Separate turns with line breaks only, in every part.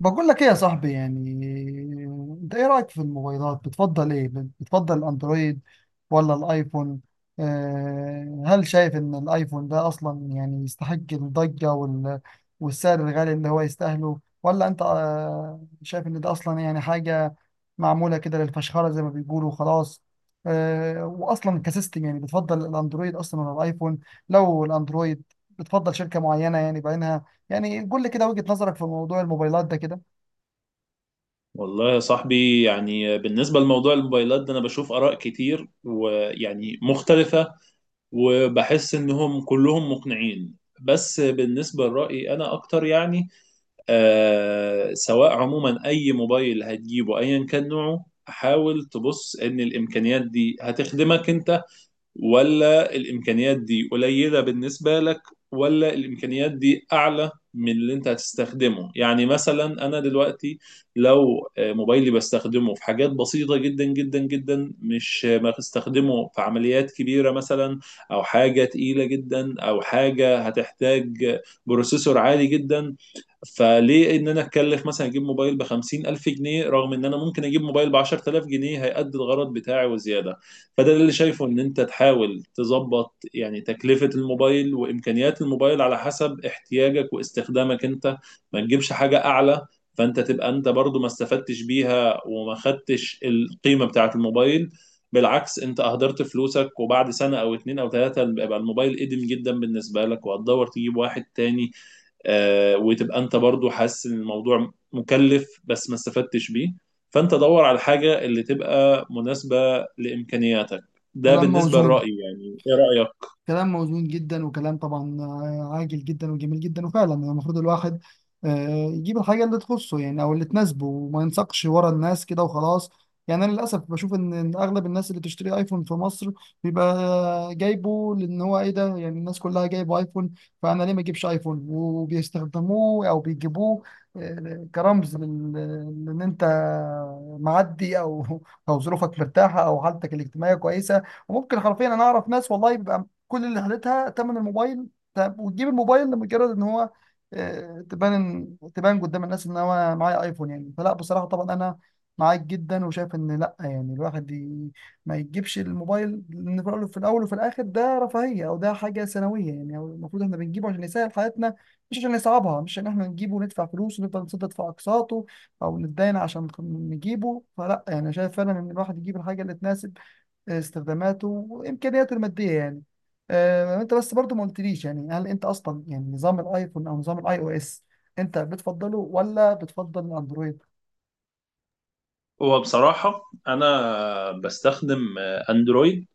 بقول لك ايه يا صاحبي؟ يعني انت ايه رأيك في الموبايلات؟ بتفضل ايه؟ بتفضل الاندرويد ولا الايفون؟ هل شايف ان الايفون ده اصلا يعني يستحق الضجة والسعر الغالي اللي هو يستاهله، ولا انت شايف ان ده اصلا يعني حاجة معمولة كده للفشخرة زي ما بيقولوا خلاص؟ واصلا كسيستم يعني بتفضل الاندرويد اصلا ولا الايفون؟ لو الاندرويد، بتفضل شركة معينة يعني بعينها؟ يعني قول لي كده وجهة نظرك في موضوع الموبايلات ده كده.
والله يا صاحبي يعني بالنسبة لموضوع الموبايلات ده أنا بشوف آراء كتير ويعني مختلفة، وبحس إنهم كلهم مقنعين. بس بالنسبة لرأيي أنا أكتر، يعني سواء عموما أي موبايل هتجيبه أيا كان نوعه، حاول تبص إن الإمكانيات دي هتخدمك أنت، ولا الامكانيات دي قليله بالنسبه لك، ولا الامكانيات دي اعلى من اللي انت هتستخدمه. يعني مثلا انا دلوقتي لو موبايلي بستخدمه في حاجات بسيطه جدا جدا جدا، مش ما بستخدمه في عمليات كبيره مثلا، او حاجه تقيله جدا، او حاجه هتحتاج بروسيسور عالي جدا. فليه ان انا اتكلف مثلا اجيب موبايل ب 50,000 جنيه، رغم ان انا ممكن اجيب موبايل ب 10,000 جنيه هيأدي الغرض بتاعي وزياده؟ فده اللي شايفه، ان انت تحاول تظبط يعني تكلفة الموبايل وامكانيات الموبايل على حسب احتياجك واستخدامك انت. ما تجيبش حاجة اعلى، فانت تبقى انت برضو ما استفدتش بيها وما خدتش القيمة بتاعة الموبايل. بالعكس، انت اهدرت فلوسك، وبعد سنة او اتنين او تلاتة بيبقى الموبايل قديم جدا بالنسبة لك وهتدور تجيب واحد تاني. وتبقى انت برضو حاسس ان الموضوع مكلف بس ما استفدتش بيه. فانت دور على الحاجة اللي تبقى مناسبة لامكانياتك. ده
كلام
بالنسبة
موزون.
لرأيي، يعني ايه رأيك؟
كلام موزون جدا، وكلام طبعا عاجل جدا وجميل جدا. وفعلا يعني المفروض الواحد يجيب الحاجة اللي تخصه، يعني أو اللي تناسبه، وما ينساقش ورا الناس كده وخلاص. يعني أنا للأسف بشوف إن أغلب الناس اللي بتشتري أيفون في مصر بيبقى جايبه لأن هو إيه، ده يعني الناس كلها جايبه أيفون، فأنا ليه ما أجيبش أيفون؟ وبيستخدموه أو بيجيبوه كرمز لأن أنت معدي أو أو ظروفك مرتاحة أو حالتك الاجتماعية كويسة. وممكن حرفيا انا اعرف ناس والله بيبقى كل اللي خدتها تمن الموبايل. طب وتجيب الموبايل لمجرد ان هو تبان تبان قدام الناس ان هو معايا ايفون؟ يعني فلا، بصراحه طبعا انا معاك جدا، وشايف ان لا، يعني الواحد ما يجيبش الموبايل لان في الأول، في الأول وفي الاخر ده رفاهيه، او ده حاجه ثانويه. يعني أو المفروض احنا بنجيبه عشان يسهل حياتنا، مش عشان يصعبها، مش عشان احنا نجيبه وندفع فلوس ونفضل نسدد في اقساطه او نتداين عشان نجيبه. فلا يعني شايف فعلا ان الواحد يجيب الحاجه اللي تناسب استخداماته وامكانياته الماديه يعني. انت بس برضو ما قلتليش يعني هل انت اصلا يعني نظام الايفون او نظام الاي او اس انت بتفضله ولا بتفضل الاندرويد؟
هو بصراحة انا بستخدم اندرويد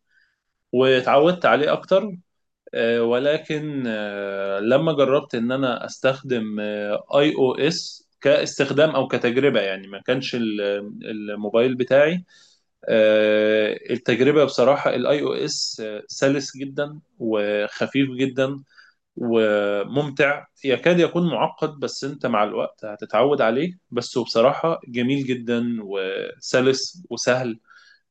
واتعودت عليه اكتر. ولكن لما جربت ان انا استخدم اي او اس كاستخدام او كتجربة، يعني ما كانش الموبايل بتاعي. التجربة بصراحة الاي او اس سلس جدا وخفيف جدا وممتع، يكاد يكون معقد، بس انت مع الوقت هتتعود عليه. بس هو بصراحة جميل جدا وسلس وسهل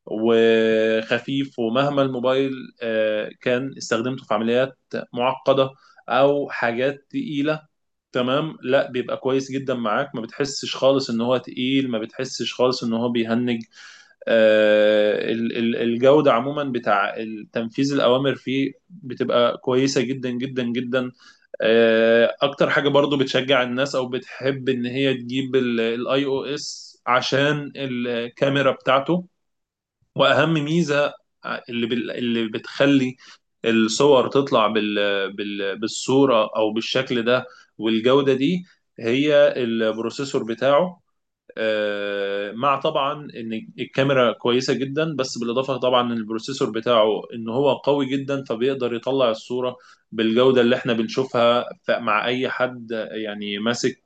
وخفيف. ومهما الموبايل كان استخدمته في عمليات معقدة او حاجات تقيلة، تمام، لا بيبقى كويس جدا معاك، ما بتحسش خالص ان هو تقيل، ما بتحسش خالص ان هو بيهنج. الجودة عموما بتاع تنفيذ الأوامر فيه بتبقى كويسة جدا جدا جدا. أكتر حاجة برضو بتشجع الناس أو بتحب إن هي تجيب الاي او اس عشان الكاميرا بتاعته. وأهم ميزة اللي بتخلي الصور تطلع بالصورة أو بالشكل ده والجودة دي، هي البروسيسور بتاعه. مع طبعا ان الكاميرا كويسه جدا، بس بالاضافه طبعا ان البروسيسور بتاعه ان هو قوي جدا، فبيقدر يطلع الصوره بالجوده اللي احنا بنشوفها مع اي حد يعني ماسك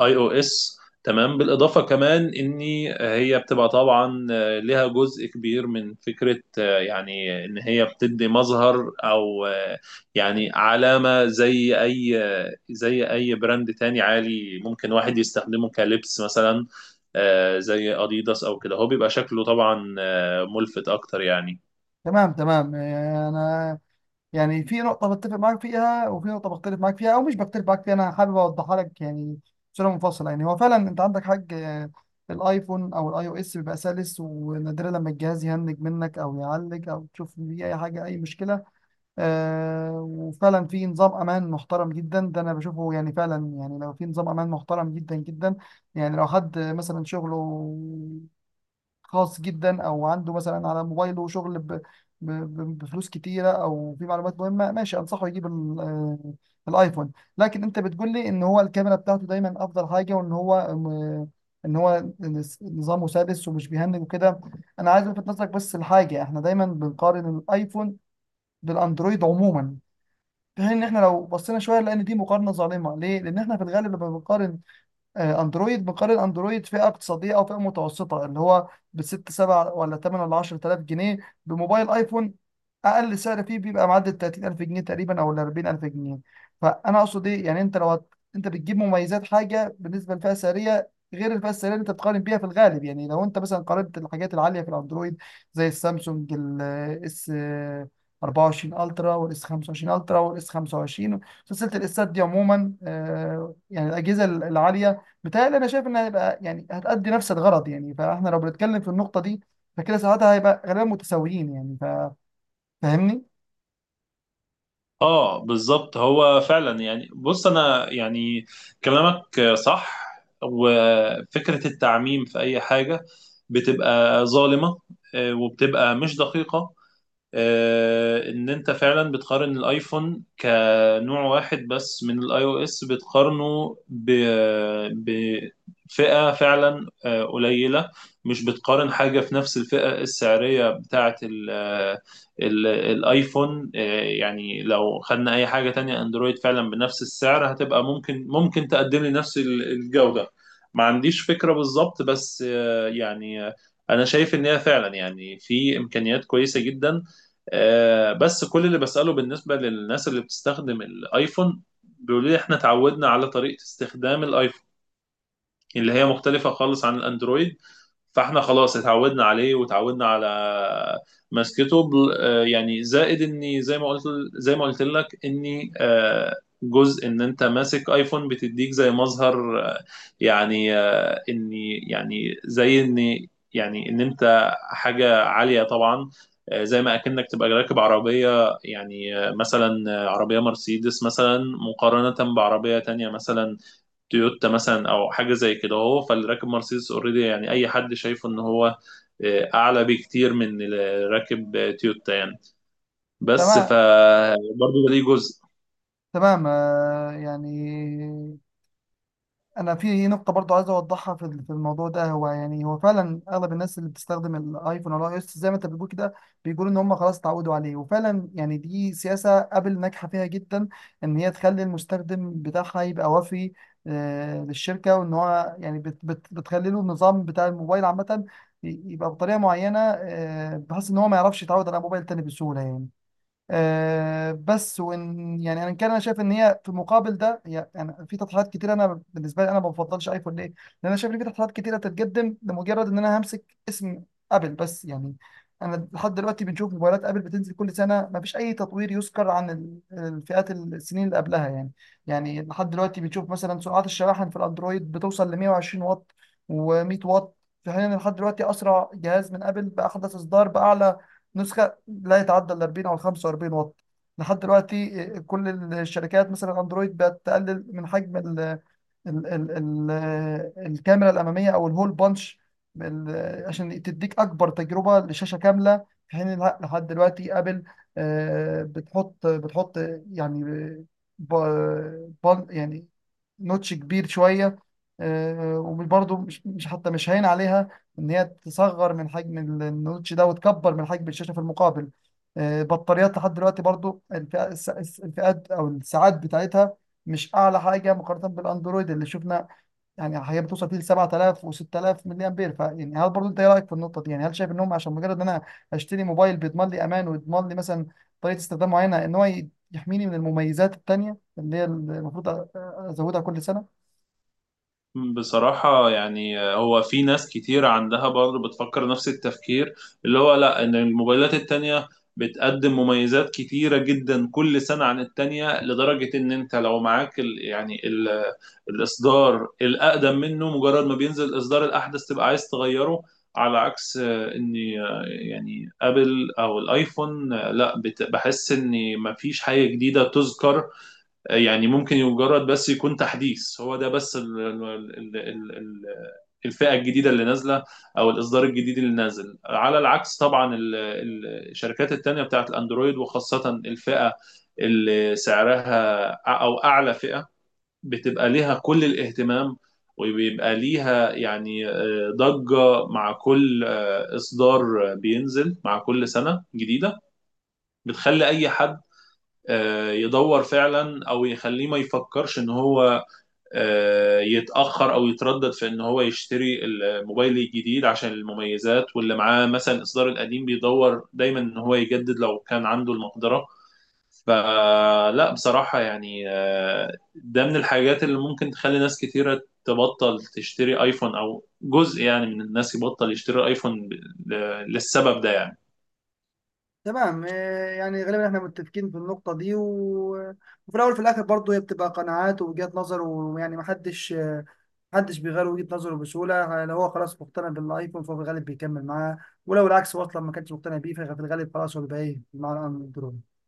اي او اس، تمام. بالاضافه كمان ان هي بتبقى طبعا ليها جزء كبير من فكره يعني ان هي بتدي مظهر او يعني علامه، زي اي براند تاني عالي ممكن واحد يستخدمه كلبس مثلا، زي اديداس او كده، هو بيبقى شكله طبعا ملفت اكتر يعني.
تمام تمام. انا يعني في نقطة بتفق معاك فيها، وفي نقطة بختلف معاك فيها، او مش بختلف معاك فيها، انا حابب اوضحها لك يعني بصورة منفصلة. يعني هو فعلا انت عندك حاج الايفون او الاي او اس بيبقى سلس، ونادرا لما الجهاز يهنج منك او يعلق او تشوف فيه اي حاجة اي مشكلة. وفعلا في نظام امان محترم جدا، ده انا بشوفه يعني فعلا، يعني لو في نظام امان محترم جدا جدا. يعني لو حد مثلا شغله خاص جدا، او عنده مثلا على موبايله شغل بفلوس كتيره، او في معلومات مهمه، ماشي انصحه يجيب الايفون. لكن انت بتقول لي ان هو الكاميرا بتاعته دايما افضل حاجه، وان هو ان هو نظامه سادس ومش بيهنج وكده. انا عايز الفت نظرك بس لحاجه: احنا دايما بنقارن الايفون بالاندرويد عموما، في حين ان احنا لو بصينا شويه، لان دي مقارنه ظالمه. ليه؟ لان احنا في الغالب لما بنقارن اندرويد، بقال الاندرويد فئه اقتصاديه او فئه متوسطه، اللي هو بست سبع ولا تمن ولا 10000 جنيه، بموبايل ايفون اقل سعر فيه بيبقى معدل 30000 جنيه تقريبا او ال 40000 جنيه. فانا اقصد ايه يعني؟ انت لو انت بتجيب مميزات حاجه بالنسبه للفئه السعريه غير الفئه السعريه اللي انت بتقارن بيها في الغالب. يعني لو انت مثلا قارنت الحاجات العاليه في الاندرويد زي السامسونج الاس 24 الترا والاس 25 الترا والاس 25، سلسله الاسات دي عموما يعني الاجهزه العاليه، بتهيألي انا شايف انها هيبقى يعني هتأدي نفس الغرض. يعني فاحنا لو بنتكلم في النقطة دي، فكده ساعتها هيبقى غالبا متساويين يعني. فاهمني؟
اه بالظبط، هو فعلا يعني بص انا يعني كلامك صح، وفكرة التعميم في اي حاجة بتبقى ظالمة وبتبقى مش دقيقة. ان انت فعلا بتقارن الايفون كنوع واحد بس من الاي او اس، بتقارنه بفئة فعلا قليلة. مش بتقارن حاجة في نفس الفئة السعرية بتاعة الايفون. يعني لو خدنا اي حاجة تانية اندرويد فعلا بنفس السعر، هتبقى ممكن تقدم لي نفس الجودة، ما عنديش فكرة بالظبط. بس انا شايف ان هي فعلا يعني في امكانيات كويسه جدا. بس كل اللي بسأله بالنسبة للناس اللي بتستخدم الايفون بيقولوا لي احنا اتعودنا على طريقة استخدام الايفون اللي هي مختلفة خالص عن الأندرويد، فاحنا خلاص اتعودنا عليه. وتعودنا على ماسكته يعني، زائد اني زي ما قلت زي ما قلت لك اني آه، جزء ان انت ماسك ايفون بتديك زي مظهر آه، يعني آه، اني يعني زي اني يعني ان انت حاجة عالية طبعا. زي ما اكنك تبقى راكب عربية، يعني مثلا عربية مرسيدس مثلا، مقارنة بعربية تانية مثلا تويوتا مثلا او حاجه زي كده. هو فاللي راكب مرسيدس اوريدي يعني اي حد شايفه ان هو اعلى بكتير من اللي راكب تويوتا يعني. بس
تمام
برضه ده ليه جزء.
تمام. يعني انا في نقطه برضو عايز اوضحها في في الموضوع ده. هو يعني هو فعلا اغلب الناس اللي بتستخدم الايفون او الاي اس زي ما انت بتقول كده، بيقولوا ان هم خلاص اتعودوا عليه. وفعلا يعني دي سياسه ابل ناجحه فيها جدا، ان هي تخلي المستخدم بتاعها يبقى وفي للشركه، وان هو يعني بت بت بتخلي له النظام بتاع الموبايل عامه يبقى بطريقه معينه، بحيث ان هو ما يعرفش يتعود على موبايل تاني بسهوله يعني. بس وان يعني انا كان انا شايف ان هي في مقابل ده هي يعني في تطلعات كتير. انا بالنسبه لي انا ما بفضلش ايفون، ليه؟ لان انا شايف ان في تطلعات كتيره تتقدم لمجرد ان انا همسك اسم ابل بس يعني. انا لحد دلوقتي بنشوف موبايلات ابل بتنزل كل سنه ما فيش اي تطوير يذكر عن الفئات السنين اللي قبلها يعني. يعني لحد دلوقتي بنشوف مثلا سرعات الشواحن في الاندرويد بتوصل ل 120 واط و100 واط، في حين ان لحد دلوقتي اسرع جهاز من ابل باحدث اصدار باعلى نسخه لا يتعدى ال 40 او ال 45 واط. لحد دلوقتي كل الشركات مثلا اندرويد بقت تقلل من حجم ال ال ال ال الكاميرا الاماميه او الهول بانش، عشان تديك اكبر تجربه لشاشه كامله، في حين إن لحد دلوقتي ابل بتحط يعني بان يعني نوتش كبير شويه. وبرضه حتى مش هين عليها ان هي تصغر من حجم النوتش ده وتكبر من حجم الشاشه في المقابل. بطاريات لحد دلوقتي برضو الفئات او الساعات بتاعتها مش اعلى حاجه مقارنه بالاندرويد اللي شفنا. يعني هي بتوصل فيه ل 7000 و6000 ملي امبير. فيعني هل برضو انت ايه رايك في النقطه دي؟ يعني هل شايف انهم عشان مجرد ان انا اشتري موبايل بيضمن لي امان، ويضمن لي مثلا طريقه استخدام معينه، ان هو يحميني من المميزات التانيه اللي هي المفروض ازودها كل سنه؟
بصراحة يعني هو في ناس كتير عندها برضه بتفكر نفس التفكير، اللي هو لا، ان الموبايلات التانية بتقدم مميزات كتيرة جدا كل سنة عن التانية، لدرجة ان انت لو معاك ال يعني ال الاصدار الاقدم منه، مجرد ما بينزل الاصدار الاحدث تبقى عايز تغيره. على عكس آه، ان آه، يعني ابل او الايفون لا، بحس ان مفيش حاجة جديدة تذكر. يعني ممكن مجرد بس يكون تحديث، هو ده بس ال ال ال ال ال الفئة الجديدة اللي نازلة أو الإصدار الجديد اللي نازل. على العكس طبعا الشركات التانية بتاعت الأندرويد، وخاصة الفئة اللي سعرها أو أعلى فئة، بتبقى ليها كل الاهتمام، وبيبقى ليها يعني ضجة مع كل إصدار بينزل مع كل سنة جديدة، بتخلي أي حد يدور فعلا او يخليه ما يفكرش ان هو يتاخر او يتردد في ان هو يشتري الموبايل الجديد عشان المميزات. واللي معاه مثلا الاصدار القديم بيدور دايما ان هو يجدد لو كان عنده المقدره. فلا بصراحه يعني ده من الحاجات اللي ممكن تخلي ناس كثيره تبطل تشتري ايفون، او جزء يعني من الناس يبطل يشتري ايفون للسبب ده يعني.
تمام. يعني غالبا احنا متفقين في النقطة دي وفي الأول وفي الآخر برضه هي بتبقى قناعات ووجهات نظر. ويعني محدش محدش بيغير وجهة نظره بسهولة. لو هو خلاص مقتنع بالآيفون فهو في الغالب بيكمل معاه، ولو العكس هو أصلا ما كانش مقتنع بيه ففي الغالب خلاص هو بيبقى إيه مع الأندرويد.